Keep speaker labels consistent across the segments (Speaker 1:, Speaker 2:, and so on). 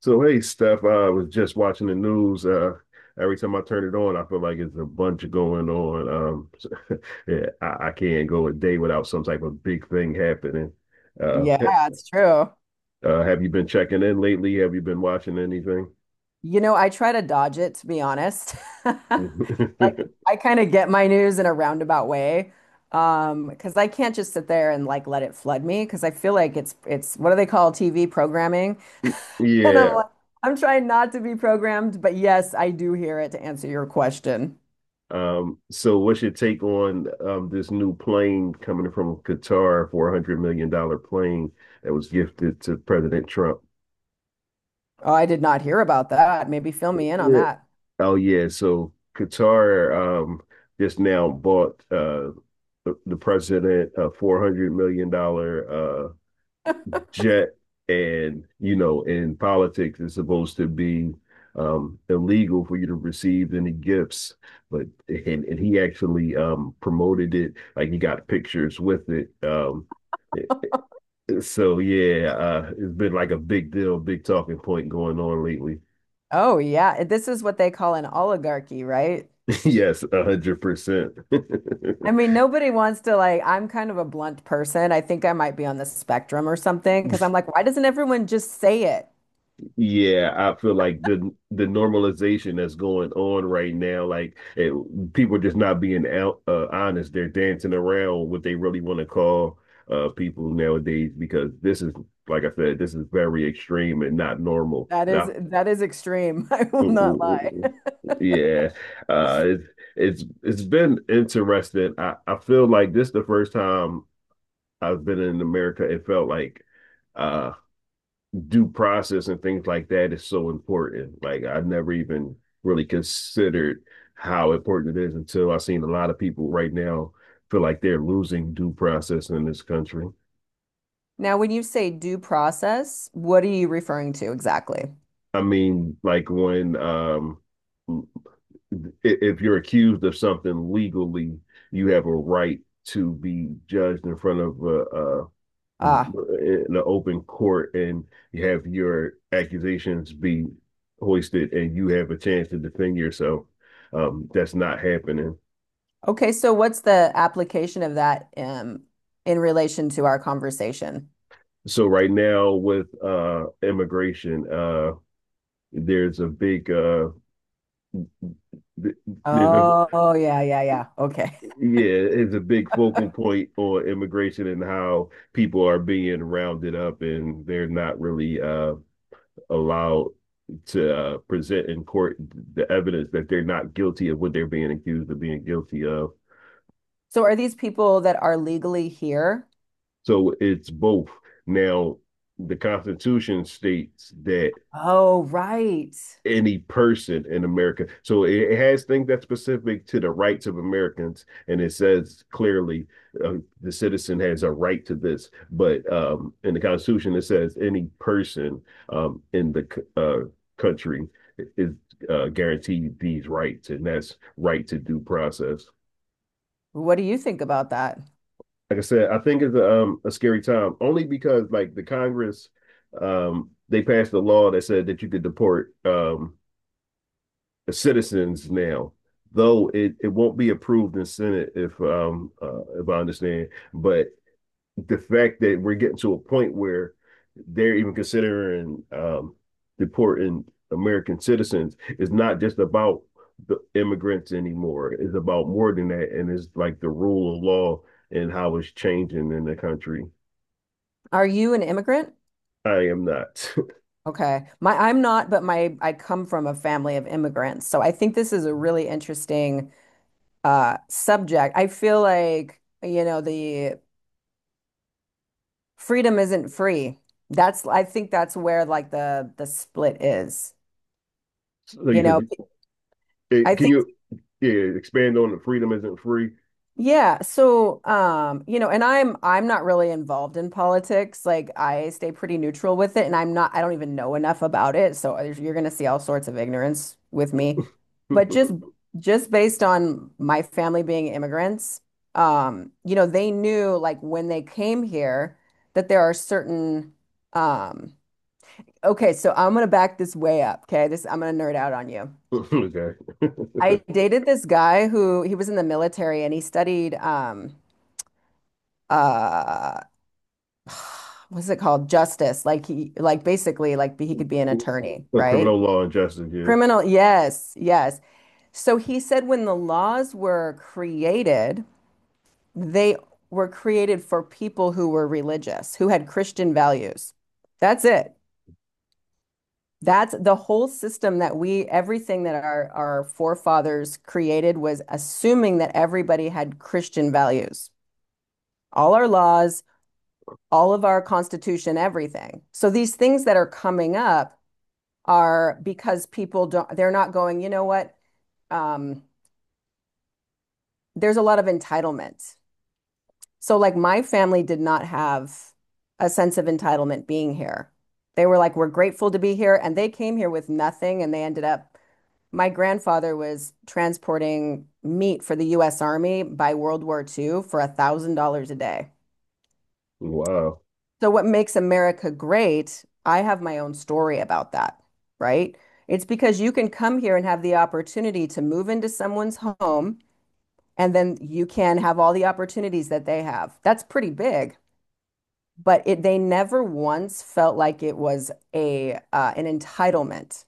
Speaker 1: So hey, Steph, I was just watching the news. Every time I turn it on, I feel like it's a bunch going on. Yeah, I can't go a day without some type of big thing happening. Uh,
Speaker 2: Yeah, it's true.
Speaker 1: have you been checking in lately? Have you been watching anything?
Speaker 2: You know, I try to dodge it, to be honest. Like, I kind of get my news in a roundabout way. Because I can't just sit there and like let it flood me because I feel like it's what do they call TV programming? And I'm
Speaker 1: Yeah.
Speaker 2: like, I'm trying not to be programmed, but yes, I do hear it to answer your question.
Speaker 1: So what's your take on this new plane coming from Qatar, $400 million dollar plane that was gifted to President Trump?
Speaker 2: Oh, I did not hear about that. Maybe fill me in on
Speaker 1: Yeah.
Speaker 2: that.
Speaker 1: Oh yeah, so Qatar just now bought the president a $400 million jet. And you know, in politics it's supposed to be illegal for you to receive any gifts, but and he actually promoted it, like he got pictures with it. So yeah, it's been like a big deal, big talking point going on lately.
Speaker 2: Oh, yeah. This is what they call an oligarchy, right?
Speaker 1: Yes, 100%.
Speaker 2: I mean, nobody wants to like, I'm kind of a blunt person. I think I might be on the spectrum or something because I'm like, why doesn't everyone just say it?
Speaker 1: Yeah, I feel like the normalization that's going on right now, people are just not being out, honest. They're dancing around what they really want to call people nowadays, because this is, like I said, this is very extreme and not normal.
Speaker 2: That
Speaker 1: And I,
Speaker 2: is that is extreme. I will
Speaker 1: mm,
Speaker 2: not
Speaker 1: mm, mm,
Speaker 2: lie.
Speaker 1: mm. mm. Yeah, it's it's been interesting. I feel like this the first time I've been in America. It felt like. Uh, Due process and things like that is so important. Like I've never even really considered how important it is until I've seen a lot of people right now feel like they're losing due process in this country.
Speaker 2: Now, when you say due process, what are you referring to exactly?
Speaker 1: I mean, like when if you're accused of something legally, you have a right to be judged in front of a
Speaker 2: Ah,
Speaker 1: in the open court, and you have your accusations be hoisted and you have a chance to defend yourself. That's not happening.
Speaker 2: okay. So what's the application of that in relation to our conversation?
Speaker 1: So right now with immigration, there's a big there's a
Speaker 2: Oh, yeah, yeah, yeah. Okay.
Speaker 1: yeah, it's a big focal point on immigration and how people are being rounded up, and they're not really allowed to present in court the evidence that they're not guilty of what they're being accused of being guilty of.
Speaker 2: So are these people that are legally here?
Speaker 1: So it's both. Now, the Constitution states that
Speaker 2: Oh, right.
Speaker 1: any person in America. Has things that's specific to the rights of Americans, and it says clearly uh, the citizen has a right to this. But in the Constitution, it says any person in the uh, country is guaranteed these rights, and that's right to due process.
Speaker 2: What do you think about that?
Speaker 1: Like I said, I think it's a scary time, only because like the Congress, they passed a law that said that you could deport citizens now, though it won't be approved in Senate, if I understand. But the fact that we're getting to a point where they're even considering deporting American citizens is not just about the immigrants anymore. It's about more than that, and it's like the rule of law and how it's changing in the country.
Speaker 2: Are you an immigrant?
Speaker 1: I am not. so
Speaker 2: Okay. My I'm not, but my I come from a family of immigrants. So I think this is a really interesting subject. I feel like, you know, the freedom isn't free. That's I think that's where like the split is.
Speaker 1: you
Speaker 2: You know,
Speaker 1: said, eh,
Speaker 2: I
Speaker 1: can
Speaker 2: think.
Speaker 1: you Yeah, expand on the freedom isn't free?
Speaker 2: Yeah, so you know, and I'm not really involved in politics. Like I stay pretty neutral with it and I'm not I don't even know enough about it. So there's- you're going to see all sorts of ignorance with me. But just based on my family being immigrants, you know, they knew like when they came here that there are certain um okay, so I'm going to back this way up, okay? This I'm going to nerd out on you.
Speaker 1: Okay.
Speaker 2: I dated this guy who he was in the military and he studied uh what's it called? Justice. Like he like basically like he could be an attorney,
Speaker 1: The
Speaker 2: right?
Speaker 1: criminal law and justice, yeah.
Speaker 2: Criminal, yes, yes. So he said when the laws were created, they were created for people who were religious, who had Christian values. That's it. That's the whole system that we, everything that our forefathers created was assuming that everybody had Christian values. All our laws, all of our constitution, everything. So these things that are coming up are because people don't, they're not going, you know what? Um, there's a lot of entitlement. So, like, my family did not have a sense of entitlement being here. They were like, we're grateful to be here. And they came here with nothing and they ended up, my grandfather was transporting meat for the US Army by World War II for a $1,000 a day.
Speaker 1: Wow.
Speaker 2: So what makes America great, I have my own story about that, right? It's because you can come here and have the opportunity to move into someone's home and then you can have all the opportunities that they have. That's pretty big, but it they never once felt like it was a an entitlement.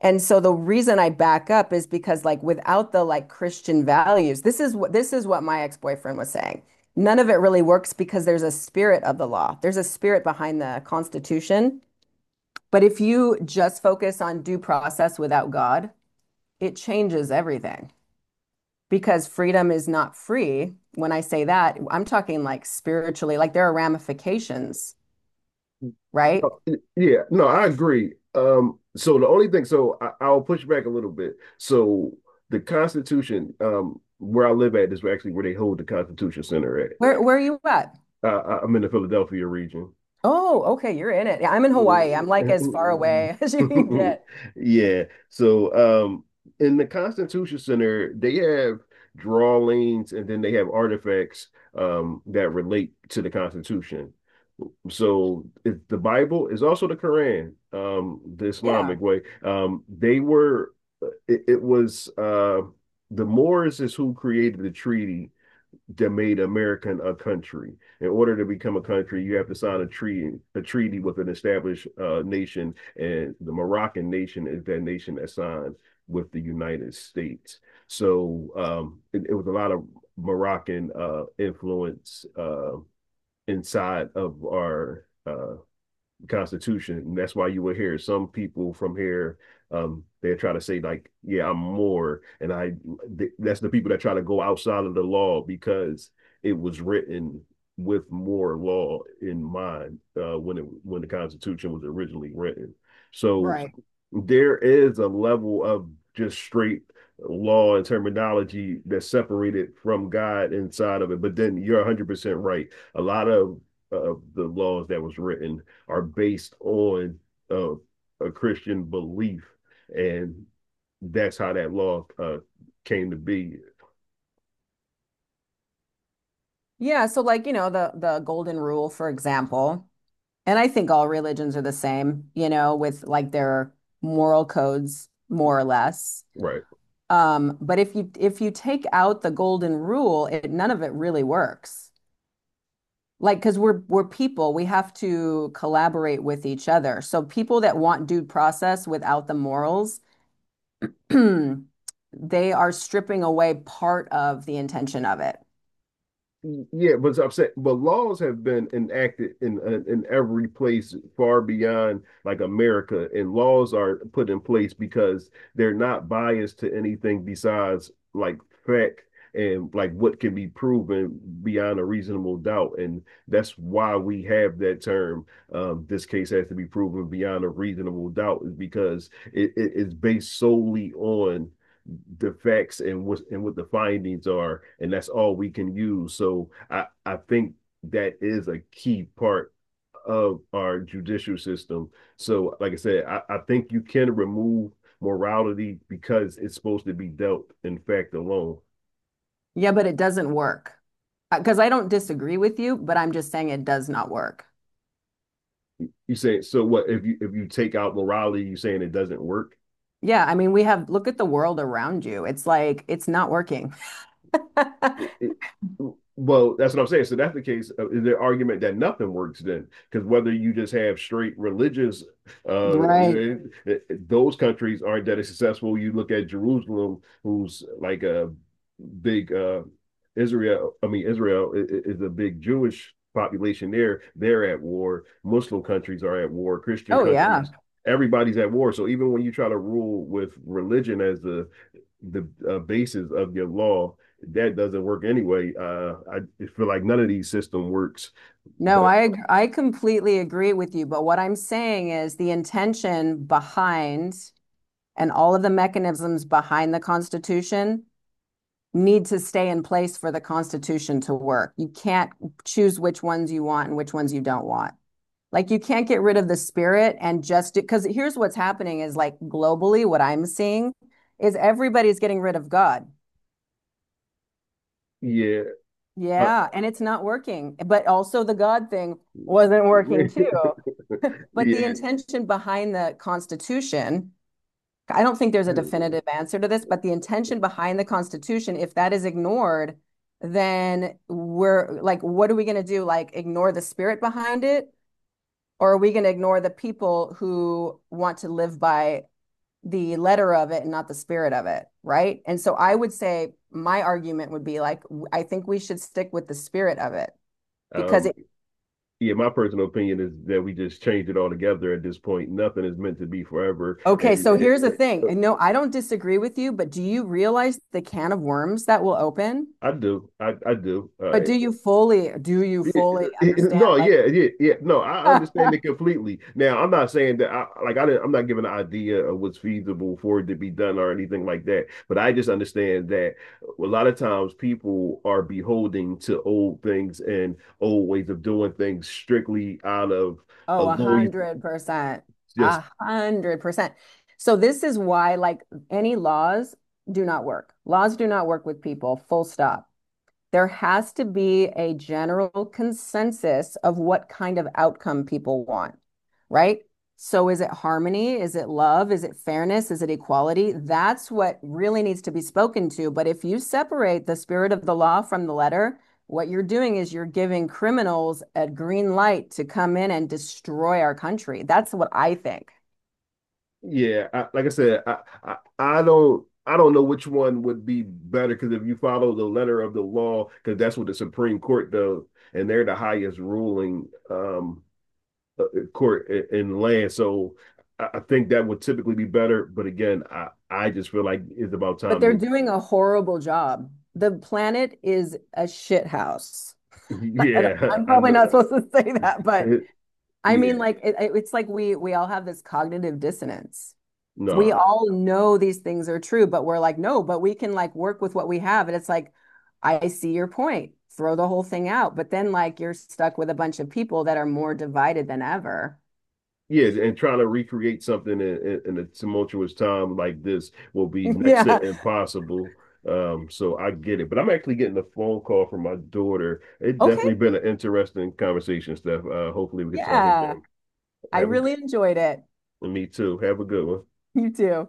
Speaker 2: And so the reason I back up is because like without the like Christian values, this is what my ex-boyfriend was saying. None of it really works because there's a spirit of the law. There's a spirit behind the Constitution. But if you just focus on due process without God, it changes everything because freedom is not free. When I say that, I'm talking like spiritually, like there are ramifications, right?
Speaker 1: Oh, yeah, no, I agree. So the only thing, so I'll push back a little bit. So the Constitution, where I live at is actually where they hold the Constitution Center at.
Speaker 2: Where are you at?
Speaker 1: I'm in the Philadelphia region.
Speaker 2: Oh, okay, you're in it. Yeah, I'm in Hawaii. I'm like
Speaker 1: Yeah.
Speaker 2: as far away as you can get.
Speaker 1: Yeah. So, in the Constitution Center, they have drawings, and then they have artifacts, that relate to the Constitution. The Bible is also the Quran, the
Speaker 2: Yeah.
Speaker 1: Islamic way. They were, it was, The Moors is who created the treaty that made American a country. In order to become a country, you have to sign a treaty with an established nation, and the Moroccan nation is that nation that signed with the United States. So it was a lot of Moroccan influence inside of our Constitution. And that's why you will hear some people from here. They try to say like, "Yeah, I'm more," and I. That's the people that try to go outside of the law, because it was written with more law in mind when it when the Constitution was originally written. So
Speaker 2: Right.
Speaker 1: there is a level of just straight law and terminology that's separated from God inside of it. But then you're 100% right. A lot of the laws that was written are based on uh, a Christian belief, and that's how that law came to be.
Speaker 2: Yeah, so like, you know, the golden rule, for example, and I think all religions are the same, you know, with like their moral codes, more or less.
Speaker 1: Right.
Speaker 2: But if you take out the golden rule, it none of it really works. Like, because we're people, we have to collaborate with each other. So people that want due process without the morals, they are stripping away part of the intention of it.
Speaker 1: Yeah, but I'm saying, but laws have been enacted in every place far beyond like America, and laws are put in place because they're not biased to anything besides like fact and like what can be proven beyond a reasonable doubt, and that's why we have that term. This case has to be proven beyond a reasonable doubt is because it's based solely on the facts and what the findings are, and that's all we can use. So I think that is a key part of our judicial system. So like I said, I think you can remove morality because it's supposed to be dealt in fact alone.
Speaker 2: Yeah, but it doesn't work. Because I don't disagree with you, but I'm just saying it does not work.
Speaker 1: You say so what if you take out morality, you saying it doesn't work?
Speaker 2: Yeah, I mean, we have, look at the world around you. It's like, it's not working.
Speaker 1: it, it, well, that's what I'm saying. So that's the case. The argument that nothing works then, because whether you just have straight religious, uh,
Speaker 2: Right.
Speaker 1: those countries aren't that successful. You look at Jerusalem, who's like a big Israel. Is a big Jewish population there. They're at war. Muslim countries are at war. Christian
Speaker 2: Oh, yeah.
Speaker 1: countries, everybody's at war. So even when you try to rule with religion as the basis of your law, that doesn't work anyway. I feel like none of these system works,
Speaker 2: No,
Speaker 1: but
Speaker 2: I ag- I completely agree with you, but what I'm saying is the intention behind and all of the mechanisms behind the Constitution need to stay in place for the Constitution to work. You can't choose which ones you want and which ones you don't want. Like you can't get rid of the spirit and just because here's what's happening is like globally, what I'm seeing is everybody's getting rid of God.
Speaker 1: yeah, uh,
Speaker 2: Yeah, and it's not working. But also the God thing wasn't working too. But the
Speaker 1: yeah,
Speaker 2: intention behind the Constitution, I don't think there's a definitive answer to this, but the intention behind the Constitution, if that is ignored, then we're like, what are we going to do? Like, ignore the spirit behind it? Or are we going to ignore the people who want to live by the letter of it and not the spirit of it, right? And so I would say my argument would be like I think we should stick with the spirit of it because
Speaker 1: um,
Speaker 2: it
Speaker 1: yeah, my personal opinion is that we just changed it all together at this point. Nothing is meant to be forever,
Speaker 2: okay, so here's the thing.
Speaker 1: uh,
Speaker 2: And no, I don't disagree with you, but do you realize the can of worms that will open?
Speaker 1: I do, I do.
Speaker 2: But do you
Speaker 1: Yeah,
Speaker 2: fully understand
Speaker 1: no,
Speaker 2: like
Speaker 1: yeah, yeah, yeah. No, I understand it completely. Now, I'm not saying that I like I didn't, I'm not giving an idea of what's feasible for it to be done or anything like that. But I just understand that a lot of times people are beholding to old things and old ways of doing things strictly out of a
Speaker 2: oh, a
Speaker 1: lawyer's
Speaker 2: hundred percent.
Speaker 1: just.
Speaker 2: 100%. So this is why like any laws do not work. Laws do not work with people, full stop there has to be a general consensus of what kind of outcome people want, right? So is it harmony? Is it love? Is it fairness? Is it equality? That's what really needs to be spoken to. But if you separate the spirit of the law from the letter, what you're doing is you're giving criminals a green light to come in and destroy our country. That's what I think.
Speaker 1: Yeah, like I said, I I don't know which one would be better, because if you follow the letter of the law, because that's what the Supreme Court does, and they're the highest ruling court in land, so I think that would typically be better. But again, I just feel like it's about
Speaker 2: But
Speaker 1: time
Speaker 2: they're
Speaker 1: to
Speaker 2: doing a horrible job. The planet is a shit house.
Speaker 1: yeah,
Speaker 2: I'm
Speaker 1: I
Speaker 2: probably
Speaker 1: know.
Speaker 2: not supposed to say that, but I
Speaker 1: Yeah,
Speaker 2: mean, like it- it's like we all have this cognitive dissonance. We
Speaker 1: no,
Speaker 2: all know these things are true, but we're like, no, but we can like work with what we have. And it's like, I see your point. Throw the whole thing out. But then like you're stuck with a bunch of people that are more divided than ever.
Speaker 1: yeah, and trying to recreate something in a tumultuous time like this will be next to
Speaker 2: Yeah.
Speaker 1: impossible. So I get it, but I'm actually getting a phone call from my daughter. It's
Speaker 2: Okay.
Speaker 1: definitely been an interesting conversation, Steph. Hopefully we can talk
Speaker 2: Yeah.
Speaker 1: again.
Speaker 2: I
Speaker 1: Have a good,
Speaker 2: really enjoyed it.
Speaker 1: me too. Have a good one.
Speaker 2: You too.